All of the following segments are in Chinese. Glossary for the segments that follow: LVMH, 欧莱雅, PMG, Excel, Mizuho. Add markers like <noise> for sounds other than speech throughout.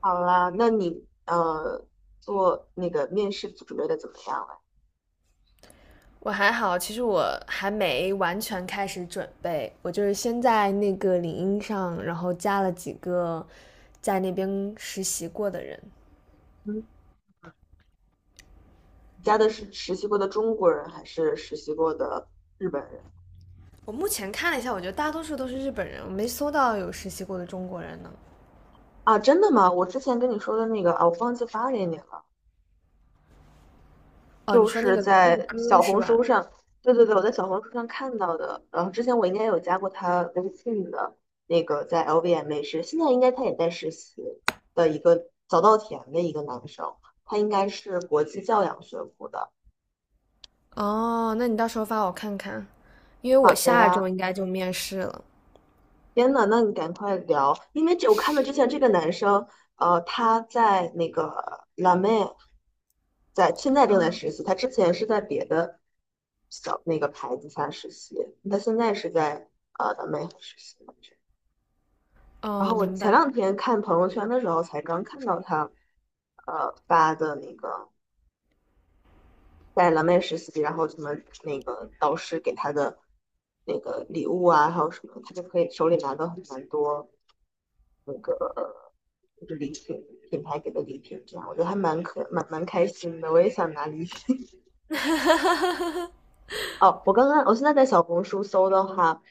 好啦，那你做那个面试准备的怎么样了？我还好，其实我还没完全开始准备，我就是先在那个领英上，然后加了几个在那边实习过的人。嗯。你加的是实习过的中国人还是实习过的日本人我目前看了一下，我觉得大多数都是日本人，我没搜到有实习过的中国人呢。啊？真的吗？我之前跟你说的那个啊，我忘记发给你了，哦，你就说那是个那个在歌小是红吧？书上，对对对，我在小红书上看到的。然后之前我应该有加过他微信的那个在 LVMH，是现在应该他也在实习的一个早稻田的一个男生，他应该是国际教养学部的。哦，那你到时候发我看看，因为好我的下周呀。应该就面试了。天呐，那你赶快聊，因为这我看到之前这个男生，他在那个辣妹，在现在正在实习，他之前是在别的小那个牌子下实习，他现在是在辣妹实习。然哦，后我明前白。两天看朋友圈的时候，才刚看到他发的那个在蓝莓实习，然后什么那个导师给他的那个礼物啊，还有什么，他就可以手里拿到蛮多就是礼品，品牌给的礼品，这样我觉得还蛮可蛮蛮开心的。我也想拿礼品。<laughs> 哦，我刚刚我现在在小红书搜的话，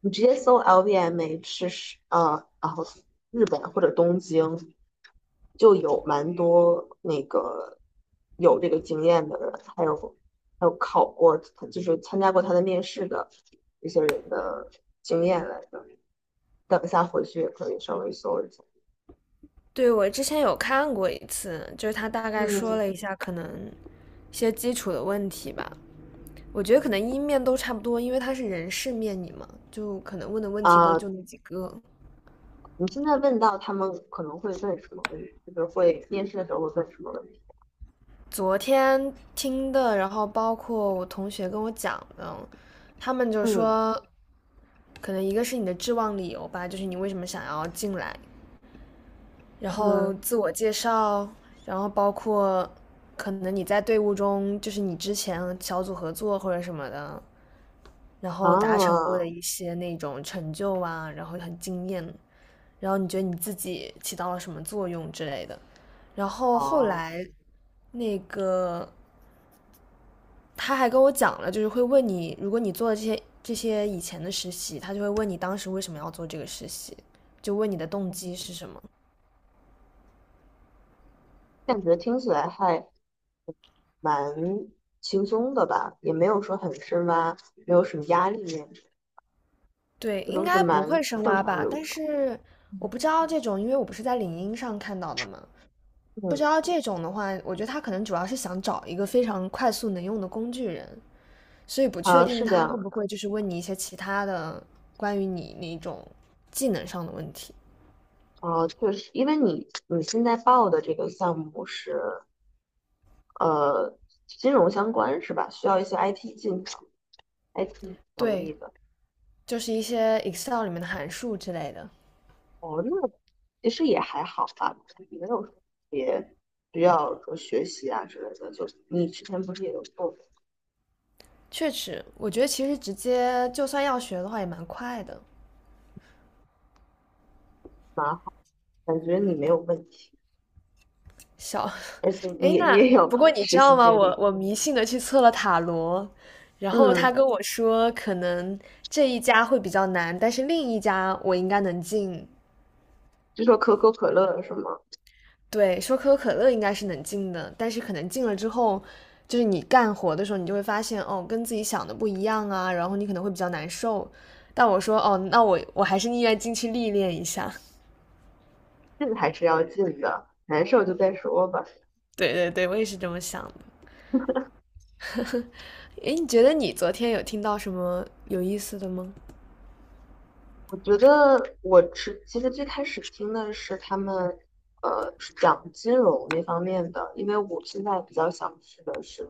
你直接搜 LVMH 然后日本或者东京就有蛮多那个有这个经验的人，还有考过就是参加过他的面试的一些人的经验来的。等一下回去也可以稍微搜一下。对，我之前有看过一次，就是他大概说嗯。了一下可能一些基础的问题吧。我觉得可能一面都差不多，因为他是人事面你嘛，就可能问的问题都啊，就那几个。你现在问到他们可能会问什么问题，就是会面试的时候会问什么问题？昨天听的，然后包括我同学跟我讲的，他们就嗯。说，可能一个是你的志望理由吧，就是你为什么想要进来，然后嗯。自我介绍，然后包括可能你在队伍中，就是你之前小组合作或者什么的，然后达成过啊。的一些那种成就啊，然后很惊艳，然后你觉得你自己起到了什么作用之类的。然后后哦。来，那个他还跟我讲了，就是会问你，如果你做了这些以前的实习，他就会问你当时为什么要做这个实习，就问你的动机是什么。感觉听起来还蛮轻松的吧，也没有说很深挖，没有什么压力，对，这应都是该不蛮会深正挖常吧？流但程。是我不知道这种，因为我不是在领英上看到的嘛，不知嗯。道这种的话，我觉得他可能主要是想找一个非常快速能用的工具人，所以不确啊，定是这他样会不的。会就是问你一些其他的关于你那种技能上的问题。啊，确实，因为你现在报的这个项目是呃金融相关是吧？需要一些 IT 技能、IT 能对，力的。就是一些 Excel 里面的函数之类的。哦，那其实也还好吧，没有说特别需要说学习啊之类的。就你之前不是也有做，确实，我觉得其实直接就算要学的话也蛮快的。感觉你没有问题，小，而且 <laughs> 你诶，也你那也有 不过 <laughs> 你知实习道吗？经我历。我迷信的去测了塔罗，然后他嗯，跟我说可能这一家会比较难，但是另一家我应该能进。就说可口可乐是吗？对，说可口可乐应该是能进的，但是可能进了之后，就是你干活的时候，你就会发现哦，跟自己想的不一样啊，然后你可能会比较难受。但我说哦，那我还是宁愿进去历练一下。<laughs> 进还是要进的，难受就再说吧。对对对，我也是这么想的。诶，你觉得你昨天有听到什么有意思的吗？我觉得其实最开始听的是他们是讲金融那方面的，因为我现在比较想去的是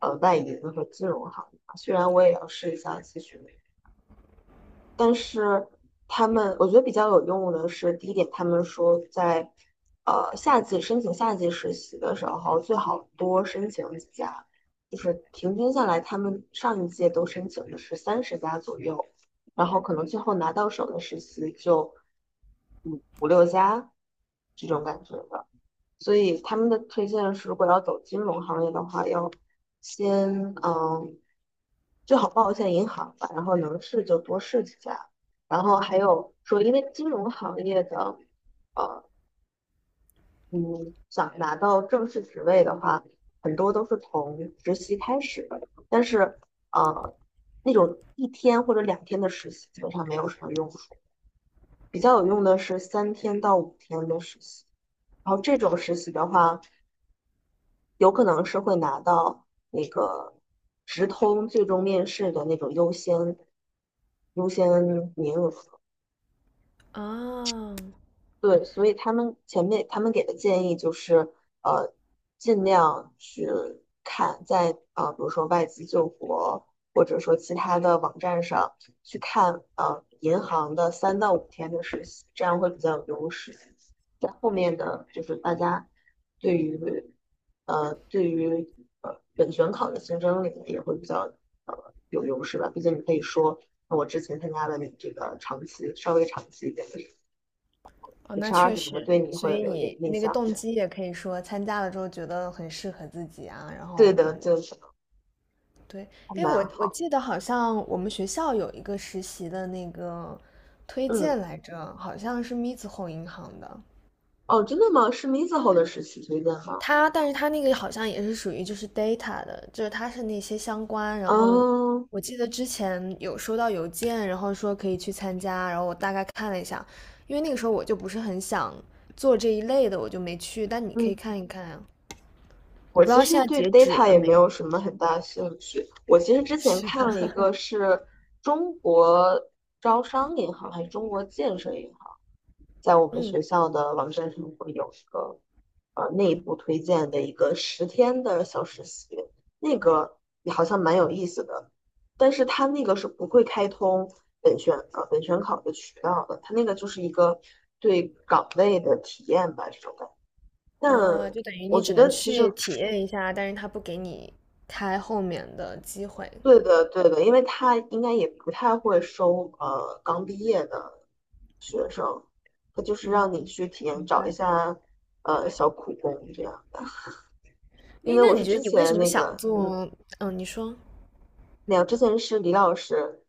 外银和金融行业。虽然我也要试一下咨询。但是他们，我觉得比较有用的是，第一点，他们说在夏季申请夏季实习的时候，最好多申请几家，就是平均下来，他们上一届都申请的是30家左右，然后可能最后拿到手的实习就五五六家这种感觉的。所以他们的推荐是，如果要走金融行业的话，要先最好报一下银行吧，然后能试就多试几家。然后还有说，因为金融行业的呃嗯想拿到正式职位的话，很多都是从实习开始的，但是呃那种一天或者两天的实习基本上没有什么用处，比较有用的是3天到5天的实习。然后这种实习的话，有可能是会拿到那个直通最终面试的那种优先名额。啊，对，所以他们前面他们给的建议就是，呃，尽量去看在比如说外资救国或者说其他的网站上去看银行的3到5天的实习，这样会比较有优势。在后面的就是大家对于呃对于呃本选考的竞争力也会比较有优势吧，毕竟你可以说我之前参加了你这个长期稍微长期一点的。哦，那 HR 确什么的实，对你所会以有一你点印那个象的。动机也可以说参加了之后觉得很适合自己啊，然对后什的，么就是对，还哎，我蛮我好。记得好像我们学校有一个实习的那个推嗯。荐来着，好像是 Mizuho 银行的。哦，真的吗？是 Mizuho 的实习推荐哈。它，但是它那个好像也是属于就是 data 的，就是它是那些相关。然后嗯。我记得之前有收到邮件，然后说可以去参加，然后我大概看了一下，因为那个时候我就不是很想做这一类的，我就没去。但你可以嗯，看一看啊，我我不知其道实现在对 截止 data 了也没没，有什么很大兴趣。我其实 <laughs> 之前是吧？看了一个是中国招商银行还是中国建设银行，在我们嗯。学校的网站上会有一个内部推荐的一个10天的小实习，那个也好像蛮有意思的，但是他那个是不会开通本选考的渠道的，他那个就是一个对岗位的体验吧，这种感觉。但哦，就等于我你觉只能得其去实体验一下，但是他不给你开后面的机会。对的对的，因为他应该也不太会收刚毕业的学生，他就是让你嗯，去体验明找一白。下小苦工这样的。因诶，为那我你是觉得之你为前什么那想个做？嗯，你说没有，之前是李老师，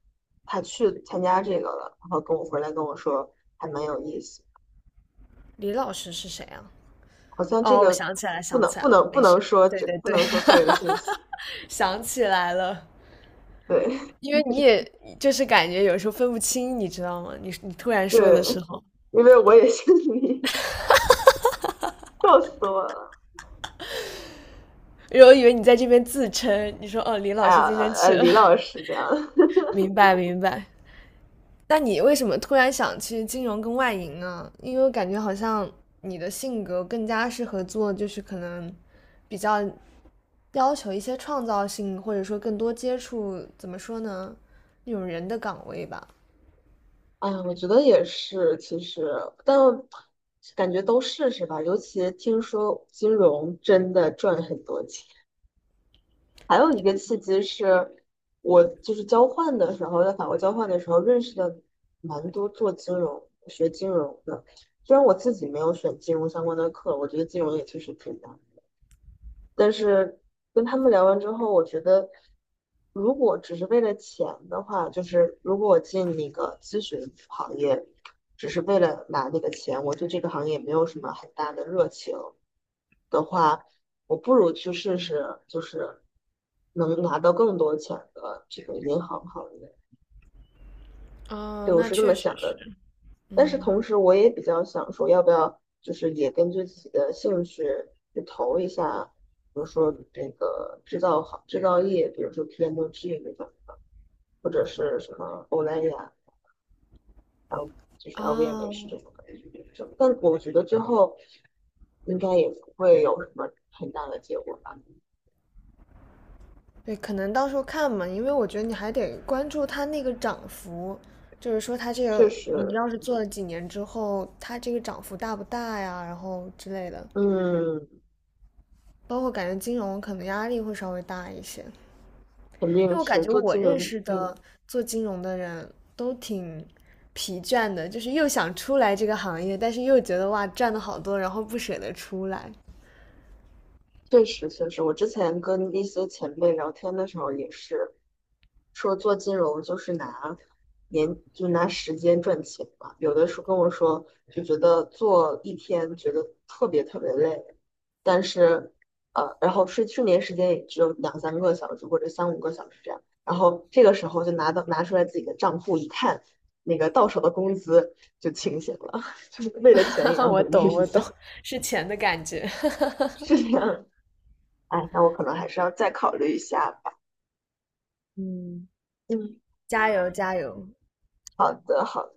他去参加这个了，然后跟我回来跟我说还蛮有意思，李老师是谁啊？好像这哦，我个想起来了，不想能起来不了，能不没事。能说对这对不对，能说个人信息，<laughs> 想起来了，对 因为你也就是感觉有时候分不清，你知道吗？你突 <laughs> 然说的对，时候，因为我也姓李，<laughs> 笑死我了，因为我以为你在这边自称，你说哦，李老哎师呀今天去了，李 <laughs> 老师这样，<laughs> 明白明白。那你为什么突然想去金融跟外营呢？因为我感觉好像你的性格更加适合做，就是可能比较要求一些创造性，或者说更多接触，怎么说呢，那种人的岗位吧。哎呀我觉得也是，其实但感觉都试试吧，尤其听说金融真的赚很多钱。还有一个契机是，我就是交换的时候，在法国交换的时候认识的蛮多做金融、学金融的。虽然我自己没有选金融相关的课，我觉得金融也确实挺难但是跟他们聊完之后，我觉得如果只是为了钱的话，就是如果我进那个咨询行业，只是为了拿那个钱，我对这个行业没有什么很大的热情的话，我不如去试试，就是能拿到更多钱的这个银行行业。哦，对，我那是这确么实想的。是，但是嗯，同时我也比较想说，要不要就是也根据自己的兴趣去投一下，比如说这个制造业，比如说 PMG 这种，或者是什么欧莱雅，就是 LVMH 哦，这种感但我觉得最后应该也不会有什么很大的结果吧。对，可能到时候看嘛，因为我觉得你还得关注它那个涨幅，就是说它这确个你实，要是做了几年之后，它这个涨幅大不大呀，然后之类的。嗯，包括感觉金融可能压力会稍微大一些，因肯定为我感是觉做我金认融，识嗯，的做金融的人都挺疲倦的，就是又想出来这个行业，但是又觉得哇赚的好多，然后不舍得出来。确实确实，我之前跟一些前辈聊天的时候也是说做金融就是就拿时间赚钱嘛，有的时候跟我说就觉得做一天觉得特别特别累，但是然后睡眠时间也只有两三个小时或者三五个小时这样，然后这个时候就拿出来自己的账户一看，那个到手的工资就清醒了，<laughs> 就是为了钱也 <laughs> 要我努力懂，一我懂，下，是钱的感觉。<laughs> 是这样。哎，那我可能还是要再考虑一下。嗯，嗯，加油，加油，好的，好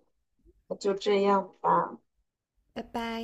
的，就这样吧。拜拜。